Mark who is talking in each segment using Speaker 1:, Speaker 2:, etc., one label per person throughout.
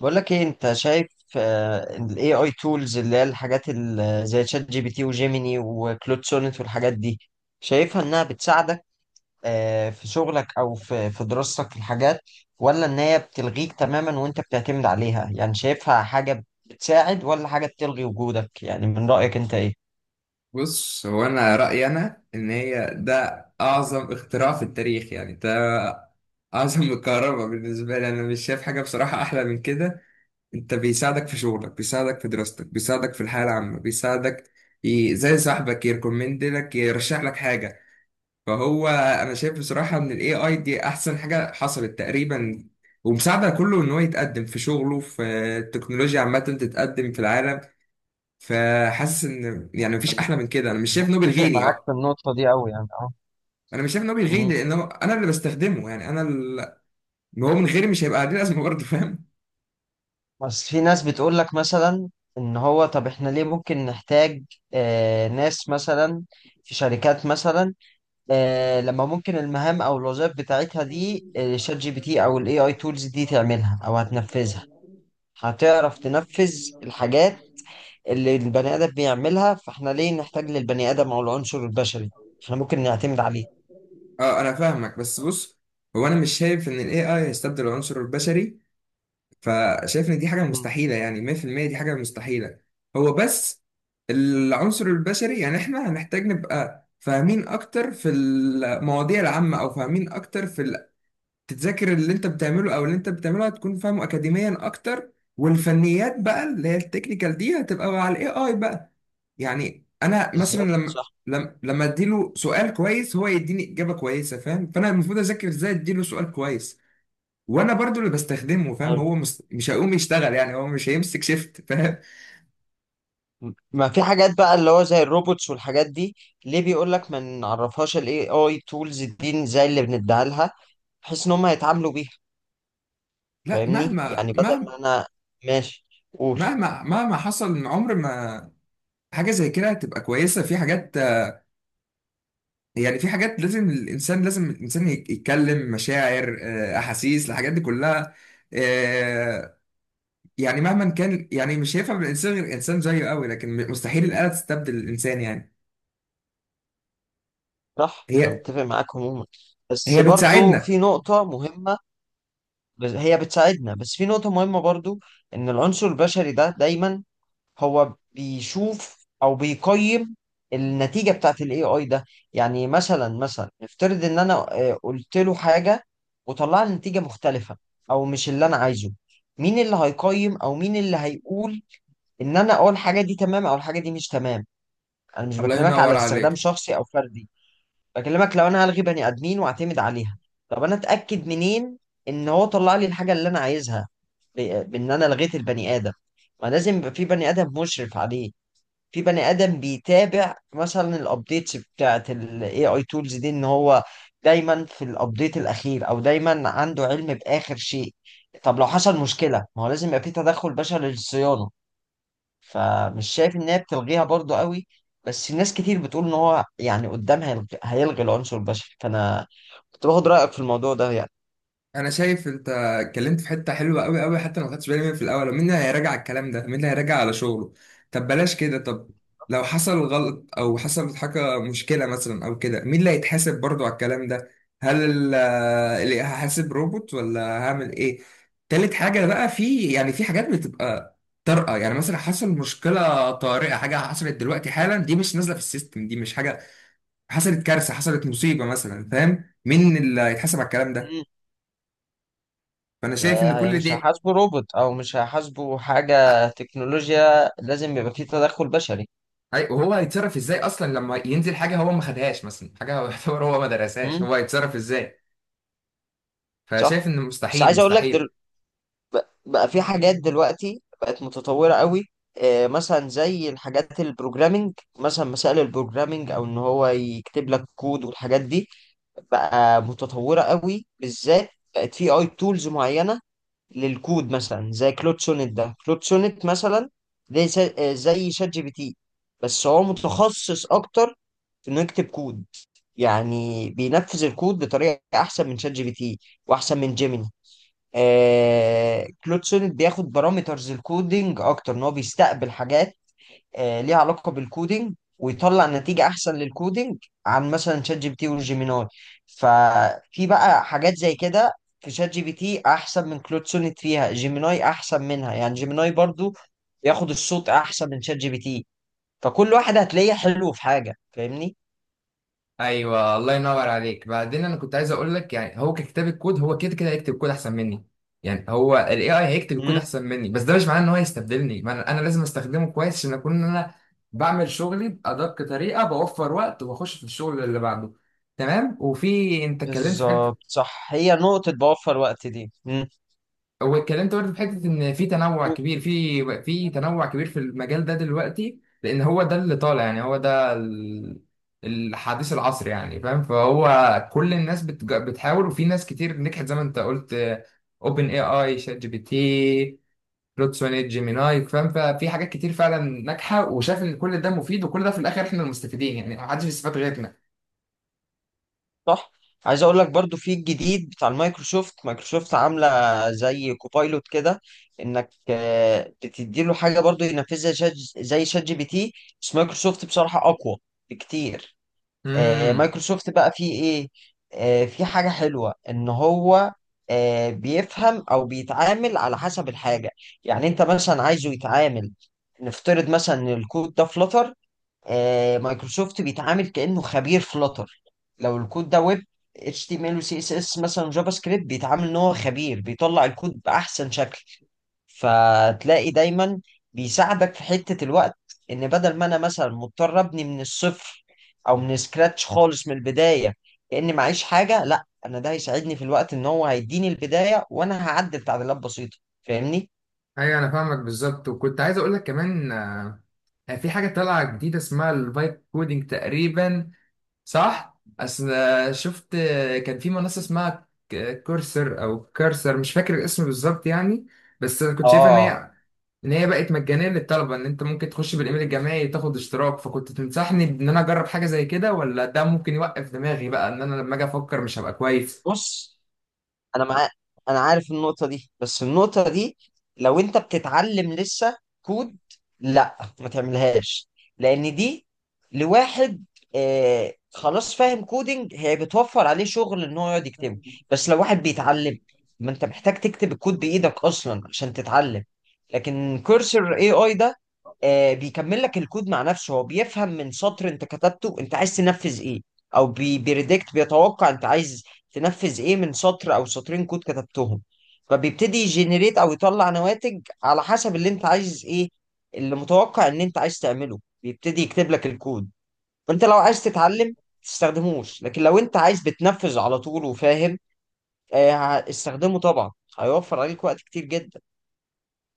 Speaker 1: بقول لك ايه انت شايف. ال AI tools اللي هي الحاجات زي شات جي بي تي وجيميني وكلود سونيت والحاجات دي، شايفها انها بتساعدك في شغلك او في دراستك في الحاجات، ولا ان هي بتلغيك تماما وانت بتعتمد عليها؟ يعني شايفها حاجة بتساعد ولا حاجة بتلغي وجودك؟ يعني من رأيك انت ايه؟
Speaker 2: بص، هو انا رايي انا ان هي ده اعظم اختراع في التاريخ. يعني ده اعظم من الكهرباء. بالنسبه لي انا مش شايف حاجه بصراحه احلى من كده. انت بيساعدك في شغلك، بيساعدك في دراستك، بيساعدك في الحياه العامه، بيساعدك زي صاحبك يركومند لك، يرشح لك حاجه. فهو انا شايف بصراحه ان الاي اي دي احسن حاجه حصلت تقريبا، ومساعده كله ان هو يتقدم في شغله، في التكنولوجيا عامه تتقدم في العالم. فحاسس ان يعني مفيش
Speaker 1: مم.
Speaker 2: احلى من كده. انا مش شايف نوبل
Speaker 1: متفق
Speaker 2: غني.
Speaker 1: معاك في النقطة دي أوي يعني اه.
Speaker 2: انا مش شايف ان هو بيلغيني،
Speaker 1: مم.
Speaker 2: لان هو انا اللي بستخدمه. يعني انا اللي هو من غيري مش هيبقى ليه لازمه برضه، فاهم.
Speaker 1: بس في ناس بتقول لك مثلا ان هو طب احنا ليه ممكن نحتاج، ناس مثلا في شركات مثلا، لما ممكن المهام او الوظائف بتاعتها دي، شات جي بي تي او الاي اي تولز دي تعملها او هتنفذها، هتعرف تنفذ الحاجات اللي البني ادم بيعملها، فاحنا ليه نحتاج للبني ادم او العنصر البشري؟ احنا ممكن نعتمد عليه.
Speaker 2: اه انا فاهمك، بس بص، هو انا مش شايف ان الاي اي هيستبدل العنصر البشري. فشايف ان دي حاجه
Speaker 1: مم.
Speaker 2: مستحيله، يعني 100% دي حاجه مستحيله. هو بس العنصر البشري، يعني احنا هنحتاج نبقى فاهمين اكتر في المواضيع العامه، او فاهمين اكتر في تتذاكر اللي انت بتعمله. او اللي انت بتعمله هتكون فاهمه اكاديميا اكتر، والفنيات بقى اللي هي التكنيكال دي هتبقى مع الاي اي بقى. يعني انا مثلا
Speaker 1: بالظبط صح.
Speaker 2: لما اديله سؤال كويس هو يديني اجابه كويسه، فاهم؟ فانا المفروض اذاكر ازاي اديله سؤال كويس. وانا برضو اللي بستخدمه، فاهم، هو مش هيقوم يشتغل، يعني هو مش هيمسك شيفت، فاهم.
Speaker 1: ما في حاجات بقى اللي هو زي الروبوتس والحاجات دي، ليه بيقول لك ما نعرفهاش الاي اي تولز دي زي اللي بنديها لها، بحيث ان هم يتعاملوا بيها؟
Speaker 2: لا،
Speaker 1: فاهمني؟ يعني بدل ما انا، ماشي، قول.
Speaker 2: مهما حصل من عمر ما، حاجه زي كده هتبقى كويسه في حاجات. يعني في حاجات لازم الانسان، لازم الانسان يتكلم مشاعر، احاسيس، الحاجات دي كلها. آه، يعني مهما كان، يعني مش هيفهم الانسان غير انسان زيه قوي، لكن مستحيل الاله تستبدل الانسان يعني.
Speaker 1: صح، انا
Speaker 2: هي
Speaker 1: متفق معاك عموما، بس
Speaker 2: هي
Speaker 1: برضو
Speaker 2: بتساعدنا.
Speaker 1: في نقطة مهمة. هي بتساعدنا، بس في نقطة مهمة برضو، ان العنصر البشري ده دايما هو بيشوف او بيقيم النتيجه بتاعت الاي اي ده. يعني مثلا نفترض ان انا قلت له حاجه وطلع لي نتيجه مختلفه او مش اللي انا عايزه، مين اللي هيقيم او مين اللي هيقول ان انا اه الحاجه دي تمام او الحاجه دي مش تمام؟ انا مش
Speaker 2: الله
Speaker 1: بكلمك
Speaker 2: ينور
Speaker 1: على استخدام
Speaker 2: عليك.
Speaker 1: شخصي او فردي، بكلمك لو انا هلغي بني ادمين واعتمد عليها، طب انا اتاكد منين ان هو طلع لي الحاجه اللي انا عايزها بان انا لغيت البني ادم؟ ما لازم يبقى في بني ادم مشرف عليه، في بني ادم بيتابع مثلا الابديتس بتاعت الاي اي تولز دي، ان هو دايما في الابديت الاخير او دايما عنده علم باخر شيء. طب لو حصل مشكله، ما هو لازم يبقى في تدخل بشري للصيانه. فمش شايف ان هي بتلغيها برضو قوي، بس ناس كتير بتقول ان هو يعني قدام هيلغي, العنصر البشري، فانا كنت باخد رايك في الموضوع ده يعني.
Speaker 2: انا شايف انت اتكلمت في حته حلوه قوي قوي، حتى لو ما خدتش بالي منها في الاول. مين اللي هيراجع الكلام ده؟ مين اللي هيراجع على شغله؟ طب بلاش كده. طب لو حصل غلط او حصلت حاجه مشكله مثلا او كده، مين اللي هيتحاسب برضو على الكلام ده؟ هل اللي هحاسب روبوت، ولا هعمل ايه؟ تالت حاجه بقى، في يعني في حاجات بتبقى طارئه. يعني مثلا حصل مشكله طارئه، حاجه حصلت دلوقتي حالا، دي مش نازله في السيستم، دي مش حاجه حصلت. كارثه حصلت، مصيبه مثلا، فاهم؟ مين اللي هيتحاسب على الكلام ده؟
Speaker 1: مم.
Speaker 2: فانا شايف ان
Speaker 1: ده
Speaker 2: كل
Speaker 1: مش
Speaker 2: دي
Speaker 1: هيحاسبه روبوت او مش هيحاسبه حاجه تكنولوجيا، لازم يبقى في تدخل بشري.
Speaker 2: وهو هيتصرف ازاي اصلا لما ينزل حاجه هو ما خدهاش، مثلا حاجه هو يعتبر هو ما درسهاش، هو هيتصرف ازاي؟ فشايف
Speaker 1: صح،
Speaker 2: ان
Speaker 1: بس
Speaker 2: مستحيل،
Speaker 1: عايز اقول لك
Speaker 2: مستحيل.
Speaker 1: بقى في حاجات دلوقتي بقت متطوره قوي، مثلا زي الحاجات البروجرامينج، مثلا مسائل البروجرامينج او ان هو يكتب لك كود والحاجات دي بقى متطوره قوي، بالذات بقت في اي تولز معينه للكود، مثلا زي كلود سونيت. ده كلود سونيت مثلا ده زي شات جي بي تي، بس هو متخصص اكتر في انه يكتب كود، يعني بينفذ الكود بطريقه احسن من شات جي بي تي واحسن من جيميني. آه كلود سونيت بياخد بارامترز الكودينج اكتر، ان هو بيستقبل حاجات آه ليها علاقه بالكودينج ويطلع نتيجه احسن للكودينج عن مثلا شات جي بي تي وجيميناي. ففي بقى حاجات زي كده في شات جي بي تي احسن من كلود سونيت، فيها جيميناي احسن منها، يعني جيميناي برضو بياخد الصوت احسن من شات جي بي تي، فكل واحد هتلاقيه حلو في حاجه. فاهمني؟
Speaker 2: ايوه، الله ينور عليك. بعدين انا كنت عايز اقول لك، يعني هو ككتاب الكود هو كده كده هيكتب كود احسن مني. يعني هو الاي اي هيكتب الكود
Speaker 1: مم.
Speaker 2: احسن مني، بس ده مش معناه ان هو هيستبدلني. ما انا أنا لازم استخدمه كويس عشان اكون إن انا بعمل شغلي بادق طريقه، بوفر وقت وبخش في الشغل اللي بعده، تمام؟ وفي انت اتكلمت في
Speaker 1: بالظبط
Speaker 2: حته،
Speaker 1: صح، هي نقطه بوفر وقت دي. مم.
Speaker 2: واتكلمت برضه في حته ان في تنوع كبير في في تنوع كبير في المجال ده دلوقتي، لان هو ده اللي طالع. يعني هو ده الحديث العصر يعني، فاهم؟ فهو كل الناس بتحاول، وفي ناس كتير نجحت زي ما انت قلت. اوبن اي اي، شات جي بي تي، بلوتسوني، جيميناي، فاهم؟ ففي حاجات كتير فعلا ناجحه، وشاف ان كل ده مفيد، وكل ده في الاخر احنا المستفيدين يعني، محدش بيستفاد
Speaker 1: صح. عايز اقول لك برضو في الجديد بتاع المايكروسوفت، مايكروسوفت عامله زي كوبايلوت كده، انك بتديله حاجه برضو ينفذها زي شات جي بي تي، بس مايكروسوفت بصراحه اقوى بكتير.
Speaker 2: غيرنا.
Speaker 1: مايكروسوفت بقى فيه ايه؟ في حاجه حلوه ان هو بيفهم او بيتعامل على حسب الحاجه. يعني انت مثلا عايزه يتعامل، نفترض مثلا ان الكود ده فلتر، مايكروسوفت بيتعامل كأنه خبير فلاتر. لو الكود ده ويب، HTML و CSS مثلا جافا سكريبت، بيتعامل ان هو خبير بيطلع الكود بأحسن شكل. فتلاقي دايما بيساعدك في حتة الوقت، ان بدل ما انا مثلا مضطر ابني من الصفر او من سكراتش خالص من البداية كأني معيش حاجة، لا، انا ده هيساعدني في الوقت ان هو هيديني البداية وانا هعدل تعديلات بسيطة. فاهمني؟
Speaker 2: ايوه انا فاهمك بالظبط. وكنت عايز اقول لك كمان، في حاجه طالعه جديده اسمها الفايب كودينج تقريبا، صح؟ اصل شفت، كان في منصه اسمها كورسر او كارسر، مش فاكر الاسم بالظبط يعني. بس انا كنت شايفه
Speaker 1: اه.
Speaker 2: ان هي بقت مجانيه للطلبه، ان انت ممكن تخش بالايميل الجامعي تاخد اشتراك. فكنت تنصحني ان انا اجرب حاجه زي كده، ولا ده ممكن يوقف دماغي بقى ان انا لما اجي افكر مش هبقى
Speaker 1: بص، انا مع... انا عارف النقطة دي، بس النقطة دي لو انت بتتعلم لسه كود، لا ما تعملهاش، لان دي لواحد آه خلاص فاهم كودينج، هي بتوفر عليه شغل ان هو يقعد يكتبه. بس لو واحد بيتعلم، ما انت محتاج تكتب الكود
Speaker 2: كويس؟
Speaker 1: بايدك اصلا عشان تتعلم. لكن كورسر اي اي ده آه بيكمل لك الكود مع نفسه، هو بيفهم من سطر انت كتبته انت عايز تنفذ ايه، او بيريدكت، بيتوقع انت عايز تنفذ ايه من سطر او سطرين كود كتبتهم، فبيبتدي يجنريت او يطلع نواتج على حسب اللي انت عايز ايه، اللي متوقع ان انت عايز تعمله بيبتدي يكتب لك الكود. فانت لو عايز تتعلم تستخدموش، لكن لو انت عايز بتنفذ على طول وفاهم، استخدمه طبعا، هيوفر عليك وقت كتير جدا.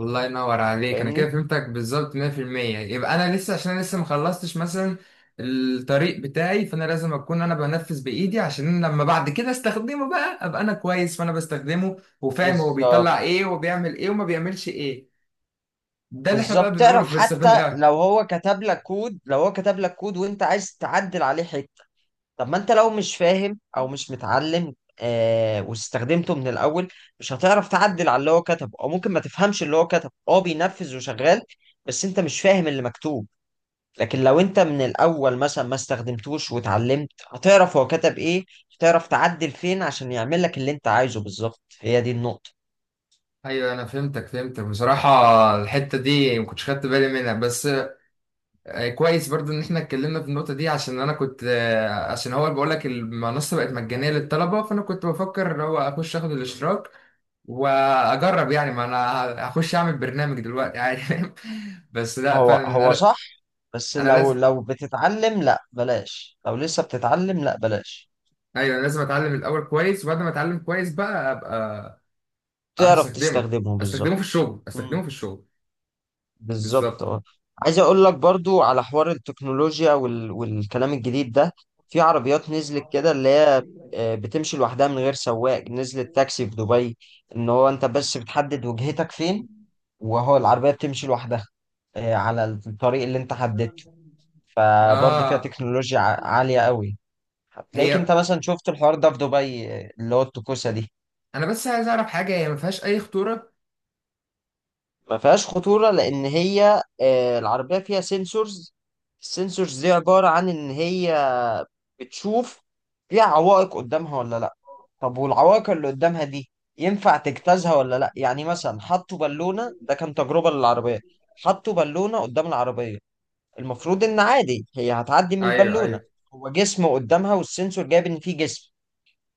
Speaker 2: الله ينور عليك، انا كده
Speaker 1: فاهمني؟
Speaker 2: فهمتك بالظبط 100%. يبقى انا لسه، عشان انا لسه ما خلصتش مثلا الطريق بتاعي، فانا لازم اكون انا بنفذ بايدي، عشان لما بعد كده استخدمه بقى ابقى انا كويس. فانا بستخدمه وفاهم هو بيطلع
Speaker 1: بالظبط.
Speaker 2: ايه وبيعمل ايه وما بيعملش ايه. ده اللي احنا بقى
Speaker 1: بالظبط،
Speaker 2: بنقوله
Speaker 1: تعرف
Speaker 2: في
Speaker 1: حتى
Speaker 2: استخدام الاي.
Speaker 1: لو هو كتب لك كود، لو هو كتب لك كود وانت عايز تعدل عليه حته، طب ما انت لو مش فاهم او مش متعلم واستخدمته من الاول، مش هتعرف تعدل على اللي هو كتبه، او ممكن ما تفهمش اللي هو كتبه، هو بينفذ وشغال بس انت مش فاهم اللي مكتوب. لكن لو انت من الاول مثلا ما استخدمتوش واتعلمت، هتعرف هو كتب ايه، هتعرف تعدل فين عشان يعمل لك اللي انت عايزه بالظبط. هي دي النقطة.
Speaker 2: ايوه انا فهمتك بصراحه. الحته دي ما كنتش خدت بالي منها، بس كويس برضو ان احنا اتكلمنا في النقطة دي. عشان انا كنت، عشان هو بقول لك المنصة بقت مجانية للطلبة، فانا كنت بفكر ان هو اخش اخد الاشتراك واجرب. يعني ما انا هخش اعمل برنامج دلوقتي عادي، فاهم؟ بس لا،
Speaker 1: هو
Speaker 2: فعلا
Speaker 1: هو
Speaker 2: انا
Speaker 1: صح، بس
Speaker 2: أنا
Speaker 1: لو
Speaker 2: لازم
Speaker 1: لو بتتعلم لا بلاش، لو لسه بتتعلم لا بلاش.
Speaker 2: ايوه أنا لازم اتعلم الاول كويس، وبعد ما اتعلم كويس بقى ابقى
Speaker 1: تعرف
Speaker 2: هستخدمه.
Speaker 1: تستخدمه
Speaker 2: استخدمه في
Speaker 1: بالظبط.
Speaker 2: الشغل،
Speaker 1: بالظبط
Speaker 2: بالظبط،
Speaker 1: اه. عايز اقول لك برضو على حوار التكنولوجيا والكلام الجديد ده، في عربيات نزلت كده اللي هي بتمشي لوحدها من غير سواق، نزلت تاكسي في دبي، ان هو انت بس بتحدد وجهتك فين وهو العربية بتمشي لوحدها على الطريق اللي انت حددته. فبرضو فيها
Speaker 2: اه.
Speaker 1: تكنولوجيا عالية قوي. هتلاقيك
Speaker 2: هي
Speaker 1: انت مثلا شفت الحوار ده في دبي، اللي هو التكوسة دي.
Speaker 2: انا بس عايز اعرف حاجة، هي ما فيهاش اي خطورة؟
Speaker 1: ما فيهاش خطورة لأن هي العربية فيها سنسورز، السنسورز دي عبارة عن إن هي بتشوف فيها عوائق قدامها ولا لأ، طب والعوائق اللي قدامها دي ينفع تجتازها ولا لأ. يعني مثلا حطوا بالونة، ده كان تجربة للعربية، حطوا بالونة قدام العربية، المفروض إن عادي هي هتعدي من
Speaker 2: ايوه،
Speaker 1: البالونة،
Speaker 2: ايوه.
Speaker 1: هو جسم قدامها والسنسور جايب إن فيه جسم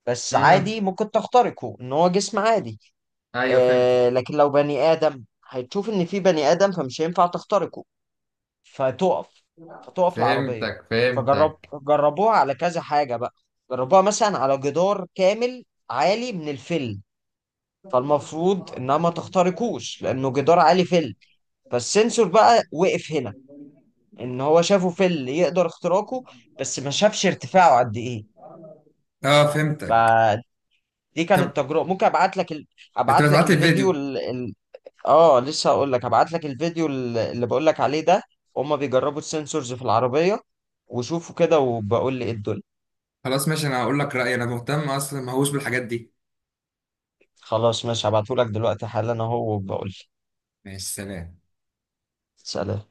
Speaker 1: بس
Speaker 2: امم،
Speaker 1: عادي ممكن تخترقه إن هو جسم عادي.
Speaker 2: ايوه
Speaker 1: آه لكن لو بني آدم، هتشوف إن في بني آدم فمش هينفع تخترقه، فتقف، فتقف العربية.
Speaker 2: فهمتك
Speaker 1: فجرب،
Speaker 2: فهمتك.
Speaker 1: جربوها على كذا حاجة بقى، جربوها مثلا على جدار كامل عالي من الفيل، فالمفروض إنها ما تخترقوش لأنه جدار عالي فيل، فالسنسور بقى وقف هنا، إن هو شافه فيل يقدر اختراقه بس ما شافش ارتفاعه قد إيه.
Speaker 2: اه فهمتك.
Speaker 1: فدي كانت
Speaker 2: طب
Speaker 1: تجربة، ممكن
Speaker 2: انت
Speaker 1: أبعت لك
Speaker 2: بتبعت لي
Speaker 1: الفيديو.
Speaker 2: الفيديو؟
Speaker 1: اه لسه هقول لك، هبعت لك الفيديو اللي بقول لك عليه ده، هما بيجربوا السنسورز في العربية، وشوفوا كده وبقول لي ايه الدنيا.
Speaker 2: خلاص ماشي، انا هقول لك رأيي. انا مهتم اصلا، ما هوش بالحاجات دي.
Speaker 1: خلاص ماشي، هبعته لك دلوقتي حالا اهو وبقول لي.
Speaker 2: ماشي، سلام.
Speaker 1: سلام.